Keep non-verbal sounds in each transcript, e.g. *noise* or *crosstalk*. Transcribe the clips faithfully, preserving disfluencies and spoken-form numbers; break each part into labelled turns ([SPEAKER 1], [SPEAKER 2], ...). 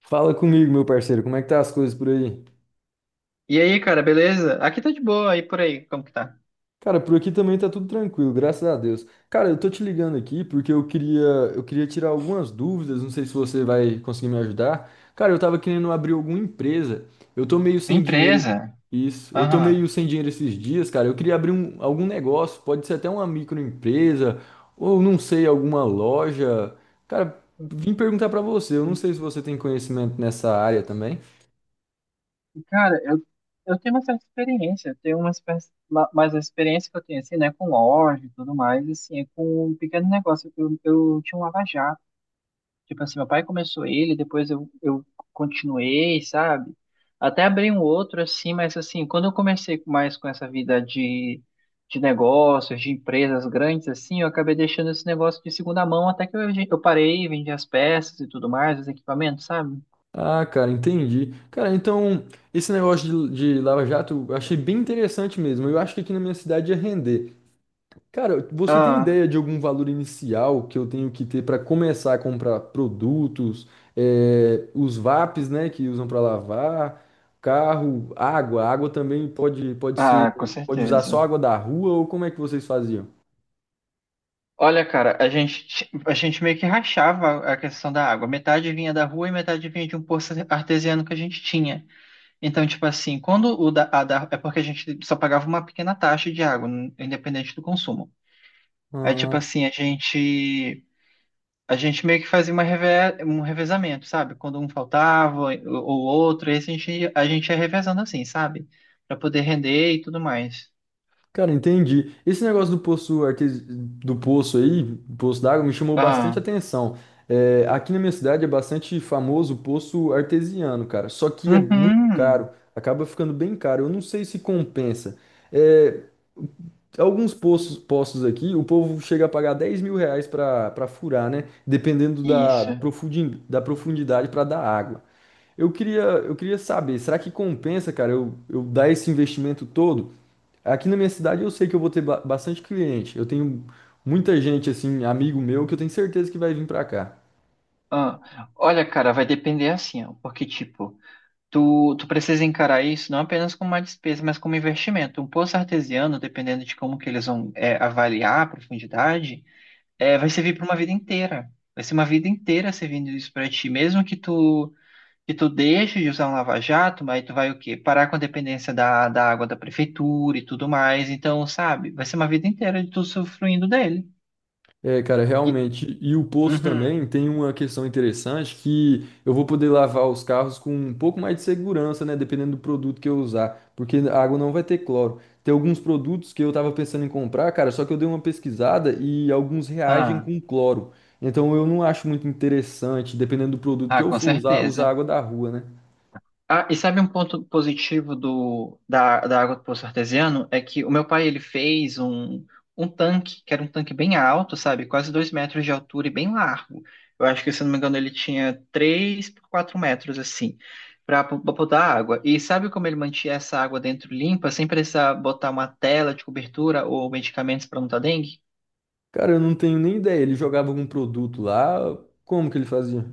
[SPEAKER 1] Fala comigo, meu parceiro, como é que tá as coisas por aí?
[SPEAKER 2] E aí, cara, beleza? Aqui tá de boa, aí por aí, como que tá?
[SPEAKER 1] Cara, por aqui também tá tudo tranquilo, graças a Deus. Cara, eu tô te ligando aqui porque eu queria, eu queria tirar algumas dúvidas, não sei se você vai conseguir me ajudar. Cara, eu tava querendo abrir alguma empresa. Eu tô meio sem dinheiro.
[SPEAKER 2] Empresa?
[SPEAKER 1] Isso, eu tô meio
[SPEAKER 2] Aham.
[SPEAKER 1] sem dinheiro esses dias, cara. Eu queria abrir um, algum negócio, pode ser até uma microempresa ou não sei, alguma loja. Cara, vim perguntar pra você, eu não sei se você tem conhecimento nessa área também.
[SPEAKER 2] Cara, eu, eu tenho uma certa experiência, eu tenho uma, espé- ma- mas a experiência que eu tenho, assim, né, com loja e tudo mais, assim, é com um pequeno negócio. Eu, eu tinha um lava-jato. Tipo assim, meu pai começou ele, depois eu, eu continuei, sabe? Até abri um outro assim, mas assim, quando eu comecei mais com essa vida de, de negócios, de empresas grandes assim, eu acabei deixando esse negócio de segunda mão até que eu, eu parei, vendi as peças e tudo mais, os equipamentos, sabe?
[SPEAKER 1] Ah, cara, entendi. Cara, então, esse negócio de, de Lava Jato eu achei bem interessante mesmo. Eu acho que aqui na minha cidade ia render. Cara, você tem
[SPEAKER 2] Ah,
[SPEAKER 1] ideia de algum valor inicial que eu tenho que ter para começar a comprar produtos, eh, os V A Ps, né, que usam para lavar, carro, água? Água também pode, pode ser,
[SPEAKER 2] ah, com
[SPEAKER 1] pode usar
[SPEAKER 2] certeza.
[SPEAKER 1] só água da rua ou como é que vocês faziam?
[SPEAKER 2] Olha, cara, a gente, ti- a gente meio que rachava a questão da água. Metade vinha da rua e metade vinha de um poço artesiano que a gente tinha. Então, tipo assim, quando o da, a da- é porque a gente só pagava uma pequena taxa de água, n- independente do consumo. Aí, tipo
[SPEAKER 1] Ah,
[SPEAKER 2] assim, a gente a gente meio que fazia uma reve, um revezamento, sabe? Quando um faltava ou ou outro, esse a gente ia- a gente ia revezando assim, sabe? Pra poder render e tudo mais.
[SPEAKER 1] cara, entendi. Esse negócio do poço artes... do poço aí, poço d'água, me chamou bastante
[SPEAKER 2] Ah,
[SPEAKER 1] atenção. É, aqui na minha cidade é bastante famoso o poço artesiano, cara. Só que é muito caro,
[SPEAKER 2] uhum,
[SPEAKER 1] acaba ficando bem caro. Eu não sei se compensa. É, alguns postos, postos aqui, o povo chega a pagar dez mil reais para para furar, né? Dependendo da,
[SPEAKER 2] isso.
[SPEAKER 1] profundi- da profundidade para dar água. Eu queria, eu queria saber, será que compensa, cara, eu, eu dar esse investimento todo? Aqui na minha cidade eu sei que eu vou ter ba- bastante cliente. Eu tenho muita gente, assim, amigo meu, que eu tenho certeza que vai vir para cá.
[SPEAKER 2] Ah, olha, cara, vai depender assim, ó, porque tipo, Tu, tu precisa encarar isso não apenas como uma despesa, mas como investimento. Um poço artesiano, dependendo de como que eles vão é, avaliar a profundidade, é, vai servir para uma vida inteira. Vai ser uma vida inteira servindo isso para ti, mesmo que tu que tu deixe de usar um lava-jato, mas tu vai o quê? Parar com a dependência da, da água da prefeitura e tudo mais. Então, sabe? Vai ser uma vida inteira de tu usufruindo dele.
[SPEAKER 1] É, cara,
[SPEAKER 2] E-
[SPEAKER 1] realmente. E o posto
[SPEAKER 2] Uhum.
[SPEAKER 1] também tem uma questão interessante que eu vou poder lavar os carros com um pouco mais de segurança, né? Dependendo do produto que eu usar, porque a água não vai ter cloro. Tem alguns produtos que eu tava pensando em comprar, cara, só que eu dei uma pesquisada e alguns reagem
[SPEAKER 2] Ah,
[SPEAKER 1] com cloro. Então eu não acho muito interessante, dependendo do produto que
[SPEAKER 2] ah,
[SPEAKER 1] eu
[SPEAKER 2] com
[SPEAKER 1] for usar, usar
[SPEAKER 2] certeza.
[SPEAKER 1] água da rua, né?
[SPEAKER 2] Ah, e sabe um ponto positivo do, da, da água do poço artesiano? É que o meu pai, ele fez um, um tanque, que era um tanque bem alto, sabe? Quase dois metros de altura e bem largo. Eu acho que, se não me engano, ele tinha três por quatro metros, assim, para botar água. E sabe como ele mantinha essa água dentro limpa, sem precisar botar uma tela de cobertura ou medicamentos para não dar dengue?
[SPEAKER 1] Cara, eu não tenho nem ideia. Ele jogava algum produto lá, como que ele fazia?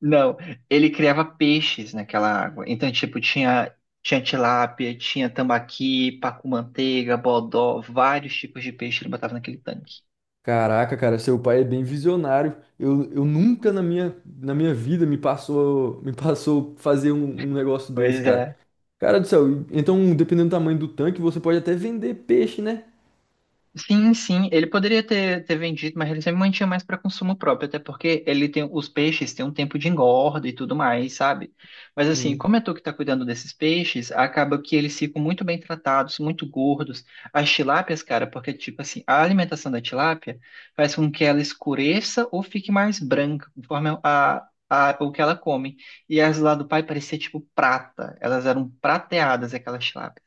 [SPEAKER 2] Não, ele criava peixes naquela água. Então, tipo, tinha, tinha, tilápia, tinha tambaqui, pacu-manteiga, bodó, vários tipos de peixe ele botava naquele tanque.
[SPEAKER 1] Caraca, cara, seu pai é bem visionário. Eu, eu nunca na minha, na minha vida me passou, me passou fazer um, um negócio desse,
[SPEAKER 2] Pois
[SPEAKER 1] cara.
[SPEAKER 2] é.
[SPEAKER 1] Cara do céu, então dependendo do tamanho do tanque, você pode até vender peixe, né?
[SPEAKER 2] Sim, sim, ele poderia ter, ter vendido, mas ele sempre mantinha mais para consumo próprio, até porque ele tem os peixes têm um tempo de engorda e tudo mais, sabe? Mas assim, como é tu que tá cuidando desses peixes, acaba que eles ficam muito bem tratados, muito gordos. As tilápias, cara, porque tipo assim, a alimentação da tilápia faz com que ela escureça ou fique mais branca, conforme a, a, o que ela come. E as lá do pai parecia tipo prata, elas eram prateadas, aquelas tilápias.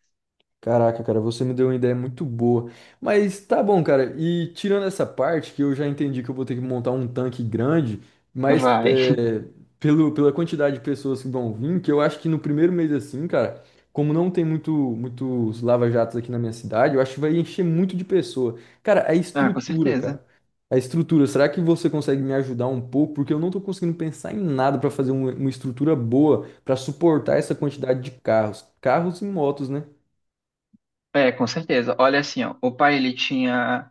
[SPEAKER 1] Caraca, cara, você me deu uma ideia muito boa. Mas tá bom, cara. E tirando essa parte, que eu já entendi que eu vou ter que montar um tanque grande, mas
[SPEAKER 2] Vai. *laughs*
[SPEAKER 1] é, pelo, pela quantidade de pessoas que vão vir, que eu acho que no primeiro mês assim, cara, como não tem muito, muitos lava-jatos aqui na minha cidade, eu acho que vai encher muito de pessoa. Cara, a
[SPEAKER 2] Ah, com
[SPEAKER 1] estrutura,
[SPEAKER 2] certeza.
[SPEAKER 1] cara. A estrutura, será que você consegue me ajudar um pouco? Porque eu não tô conseguindo pensar em nada pra fazer um- uma estrutura boa pra suportar essa quantidade de carros. Carros e motos, né?
[SPEAKER 2] É, com certeza. Olha assim, ó, o pai ele tinha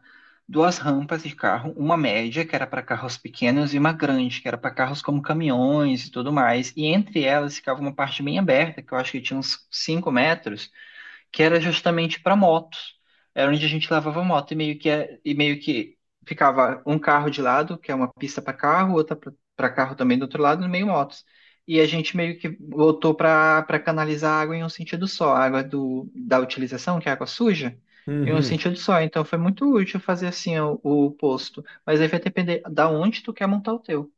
[SPEAKER 2] duas rampas de carro, uma média que era para carros pequenos e uma grande que era para carros como caminhões e tudo mais. E entre elas ficava uma parte bem aberta que eu acho que tinha uns cinco metros que era justamente para motos. Era onde a gente lavava moto e meio que é- e meio que ficava um carro de lado, que é uma pista para carro, outra para carro também do outro lado, no meio motos. E a gente meio que voltou para para canalizar a água em um sentido só, a água do, da utilização, que é a água suja, em um
[SPEAKER 1] Uhum.
[SPEAKER 2] sentido só. Então foi muito útil fazer assim o, o posto. Mas aí vai depender da onde tu quer montar o teu.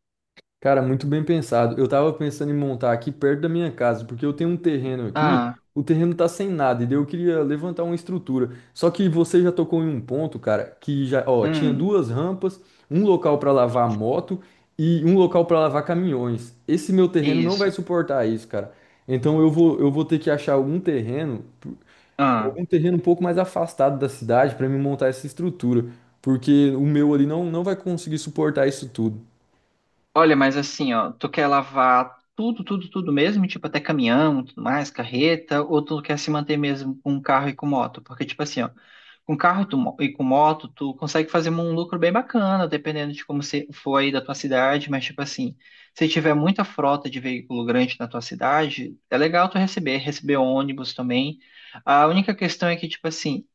[SPEAKER 1] Cara, muito bem pensado. Eu tava pensando em montar aqui perto da minha casa, porque eu tenho um terreno aqui,
[SPEAKER 2] Ah,
[SPEAKER 1] o terreno tá sem nada, e daí eu queria levantar uma estrutura. Só que você já tocou em um ponto, cara, que já, ó, tinha
[SPEAKER 2] hum,
[SPEAKER 1] duas rampas, um local pra lavar moto e um local pra lavar caminhões. Esse meu terreno não
[SPEAKER 2] isso.
[SPEAKER 1] vai suportar isso, cara. Então eu vou, eu vou ter que achar algum terreno
[SPEAKER 2] Ah.
[SPEAKER 1] algum terreno um pouco mais afastado da cidade para me montar essa estrutura, porque o meu ali não, não vai conseguir suportar isso tudo.
[SPEAKER 2] Olha, mas assim, ó, tu quer lavar tudo, tudo, tudo mesmo, tipo até caminhão, tudo mais, carreta, ou tu quer se manter mesmo com um carro e com moto? Porque, tipo assim, ó, com carro e, tu mo- e com moto, tu consegue fazer um lucro bem bacana, dependendo de como você for aí da tua cidade, mas, tipo assim, se tiver muita frota de veículo grande na tua cidade, é legal tu receber, receber ônibus também. A única questão é que, tipo assim,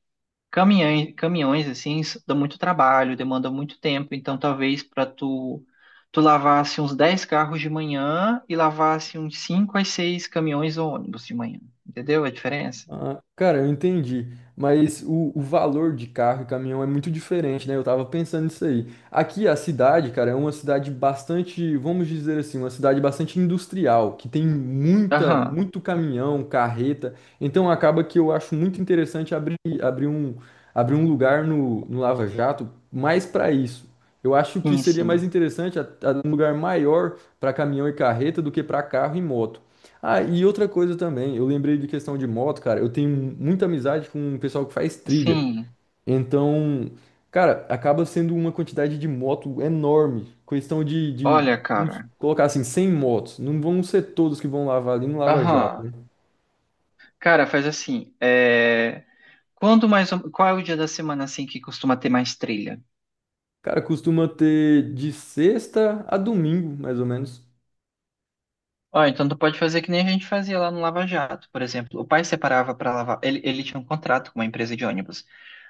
[SPEAKER 2] Caminhões, caminhões assim, s- dá muito trabalho, demanda muito tempo, então talvez para tu tu lavasse uns dez carros de manhã e lavasse uns cinco a seis caminhões ou ônibus de manhã. Entendeu a diferença?
[SPEAKER 1] Ah, cara, eu entendi, mas o, o valor de carro e caminhão é muito diferente, né? Eu tava pensando nisso aí. Aqui a cidade, cara, é uma cidade bastante, vamos dizer assim, uma cidade bastante industrial, que tem muita,
[SPEAKER 2] Aham,
[SPEAKER 1] muito caminhão, carreta. Então acaba que eu acho muito interessante abrir, abrir um, abrir um lugar no, no Lava Jato mais para isso. Eu acho que
[SPEAKER 2] sim,
[SPEAKER 1] seria mais
[SPEAKER 2] sim.
[SPEAKER 1] interessante a- a- um lugar maior para caminhão e carreta do que para carro e moto. Ah, e outra coisa também, eu lembrei de questão de moto, cara. Eu tenho muita amizade com o pessoal que faz trilha.
[SPEAKER 2] Sim.
[SPEAKER 1] Então, cara, acaba sendo uma quantidade de moto enorme. Questão de, de,
[SPEAKER 2] Olha,
[SPEAKER 1] vamos
[SPEAKER 2] cara.
[SPEAKER 1] colocar assim, cem motos. Não vão ser todos que vão lavar ali no Lava Jato, né?
[SPEAKER 2] Aham. Cara, faz assim, é, quando mais ou- qual é o dia da semana assim que costuma ter mais trilha?
[SPEAKER 1] Cara, costuma ter de sexta a domingo, mais ou menos.
[SPEAKER 2] Ó, então tu pode fazer que nem a gente fazia lá no Lava Jato, por exemplo. O pai separava para lavar, ele, ele tinha um contrato com uma empresa de ônibus.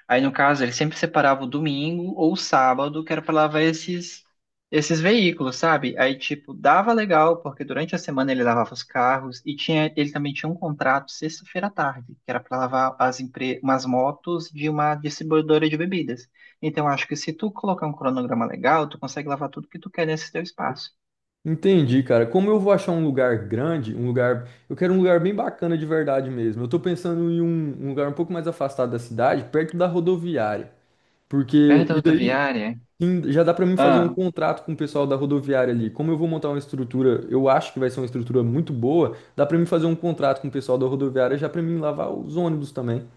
[SPEAKER 2] Aí, no caso, ele sempre separava o domingo ou o sábado, que era para lavar esses, esses veículos, sabe? Aí, tipo, dava legal, porque durante a semana ele lavava os carros e tinha, ele também tinha um contrato sexta-feira à tarde, que era para lavar as empre... umas motos de uma distribuidora de bebidas. Então, acho que se tu colocar um cronograma legal, tu consegue lavar tudo que tu quer nesse teu espaço.
[SPEAKER 1] Entendi, cara. Como eu vou achar um lugar grande, um lugar. Eu quero um lugar bem bacana de verdade mesmo. Eu tô pensando em um um lugar um pouco mais afastado da cidade, perto da rodoviária. Porque,
[SPEAKER 2] Perto da
[SPEAKER 1] e daí
[SPEAKER 2] rodoviária?
[SPEAKER 1] em- Já dá para mim fazer um
[SPEAKER 2] Ah.
[SPEAKER 1] contrato com o pessoal da rodoviária ali. Como eu vou montar uma estrutura, eu acho que vai ser uma estrutura muito boa, dá para mim fazer um contrato com o pessoal da rodoviária já para mim lavar os ônibus também.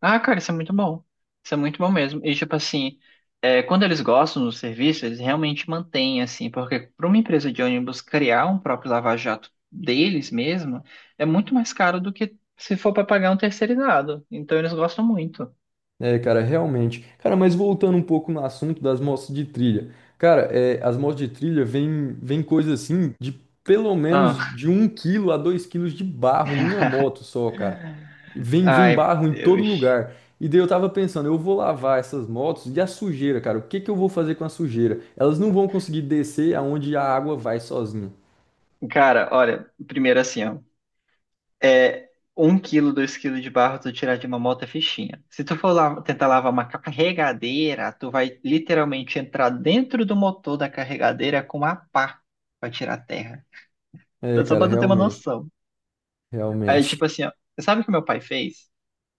[SPEAKER 2] Ah, cara, isso é muito bom. Isso é muito bom mesmo. E, tipo assim, é, quando eles gostam do serviço, eles realmente mantêm, assim, porque para uma empresa de ônibus criar um próprio lava-jato deles mesmo é muito mais caro do que se for para pagar um terceirizado. Então, eles gostam muito.
[SPEAKER 1] É, cara, realmente. Cara, mas voltando um pouco no assunto das motos de trilha. Cara, é, as motos de trilha vêm vêm coisa assim de pelo menos
[SPEAKER 2] Ah,
[SPEAKER 1] de um quilo a dois quilos de barro em uma moto só, cara.
[SPEAKER 2] *laughs*
[SPEAKER 1] Vem, vem
[SPEAKER 2] ai,
[SPEAKER 1] barro em todo
[SPEAKER 2] Deus.
[SPEAKER 1] lugar. E daí eu tava pensando, eu vou lavar essas motos e a sujeira, cara, o que que eu vou fazer com a sujeira? Elas não vão conseguir descer aonde a água vai sozinha.
[SPEAKER 2] Cara, olha, primeiro assim, ó. é, Um quilo, dois quilos de barro tu tirar de uma moto é fichinha. Se tu for lá, tentar lavar uma carregadeira, tu vai literalmente entrar dentro do motor da carregadeira com uma pá pra tirar a terra.
[SPEAKER 1] É,
[SPEAKER 2] Então, só
[SPEAKER 1] cara,
[SPEAKER 2] pra tu ter uma
[SPEAKER 1] realmente,
[SPEAKER 2] noção. Aí,
[SPEAKER 1] realmente.
[SPEAKER 2] tipo assim, ó, sabe o que meu pai fez?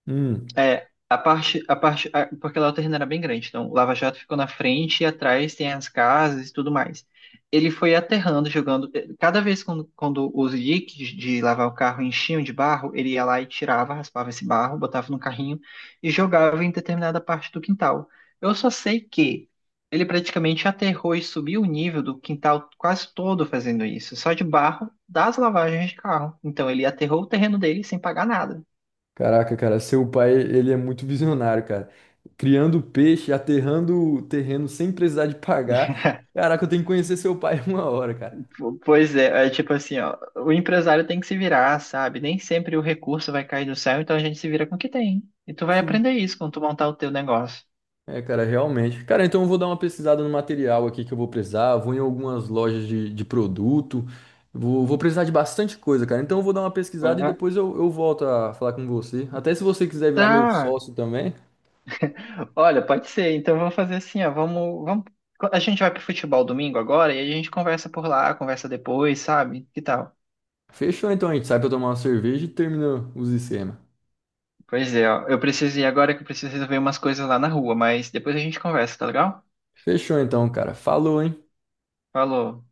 [SPEAKER 1] Hum.
[SPEAKER 2] É, a parte, a parte, a- porque lá o terreno era bem grande, então o Lava Jato ficou na frente e atrás tem as casas e tudo mais. Ele foi aterrando, jogando. eh, Cada vez quando, quando os diques de lavar o carro enchiam de barro, ele ia lá e tirava, raspava esse barro, botava no carrinho e jogava em determinada parte do quintal. Eu só sei que ele praticamente aterrou e subiu o nível do quintal quase todo fazendo isso, só de barro das lavagens de carro. Então ele aterrou o terreno dele sem pagar nada.
[SPEAKER 1] Caraca, cara, seu pai, ele é muito visionário, cara. Criando peixe, aterrando o terreno sem precisar de pagar. Caraca, eu tenho que conhecer seu pai *laughs* uma hora, cara.
[SPEAKER 2] Po- Pois é, é tipo assim, ó, o empresário tem que se virar, sabe? Nem sempre o recurso vai cair do céu, então a gente se vira com o que tem. E tu vai
[SPEAKER 1] Sim.
[SPEAKER 2] aprender isso quando tu montar o teu negócio.
[SPEAKER 1] É, cara, realmente. Cara, então eu vou dar uma pesquisada no material aqui que eu vou precisar. Vou em algumas lojas de, de produto. Vou, vou precisar de bastante coisa, cara. Então eu vou dar uma pesquisada e
[SPEAKER 2] Uhum.
[SPEAKER 1] depois eu, eu volto a falar com você. Até se você quiser virar meu
[SPEAKER 2] Tá.
[SPEAKER 1] sócio também.
[SPEAKER 2] Olha, pode ser. Então eu vou fazer assim, ó, vamos, vamos... a gente vai pro futebol domingo agora e a gente conversa por lá, conversa depois, sabe? Que tal?
[SPEAKER 1] Fechou então, a gente sai pra tomar uma cerveja e termina os esquemas.
[SPEAKER 2] Pois é, ó, eu preciso ir agora que eu preciso resolver umas coisas lá na rua, mas depois a gente conversa, tá legal?
[SPEAKER 1] Fechou então, cara. Falou, hein?
[SPEAKER 2] Falou.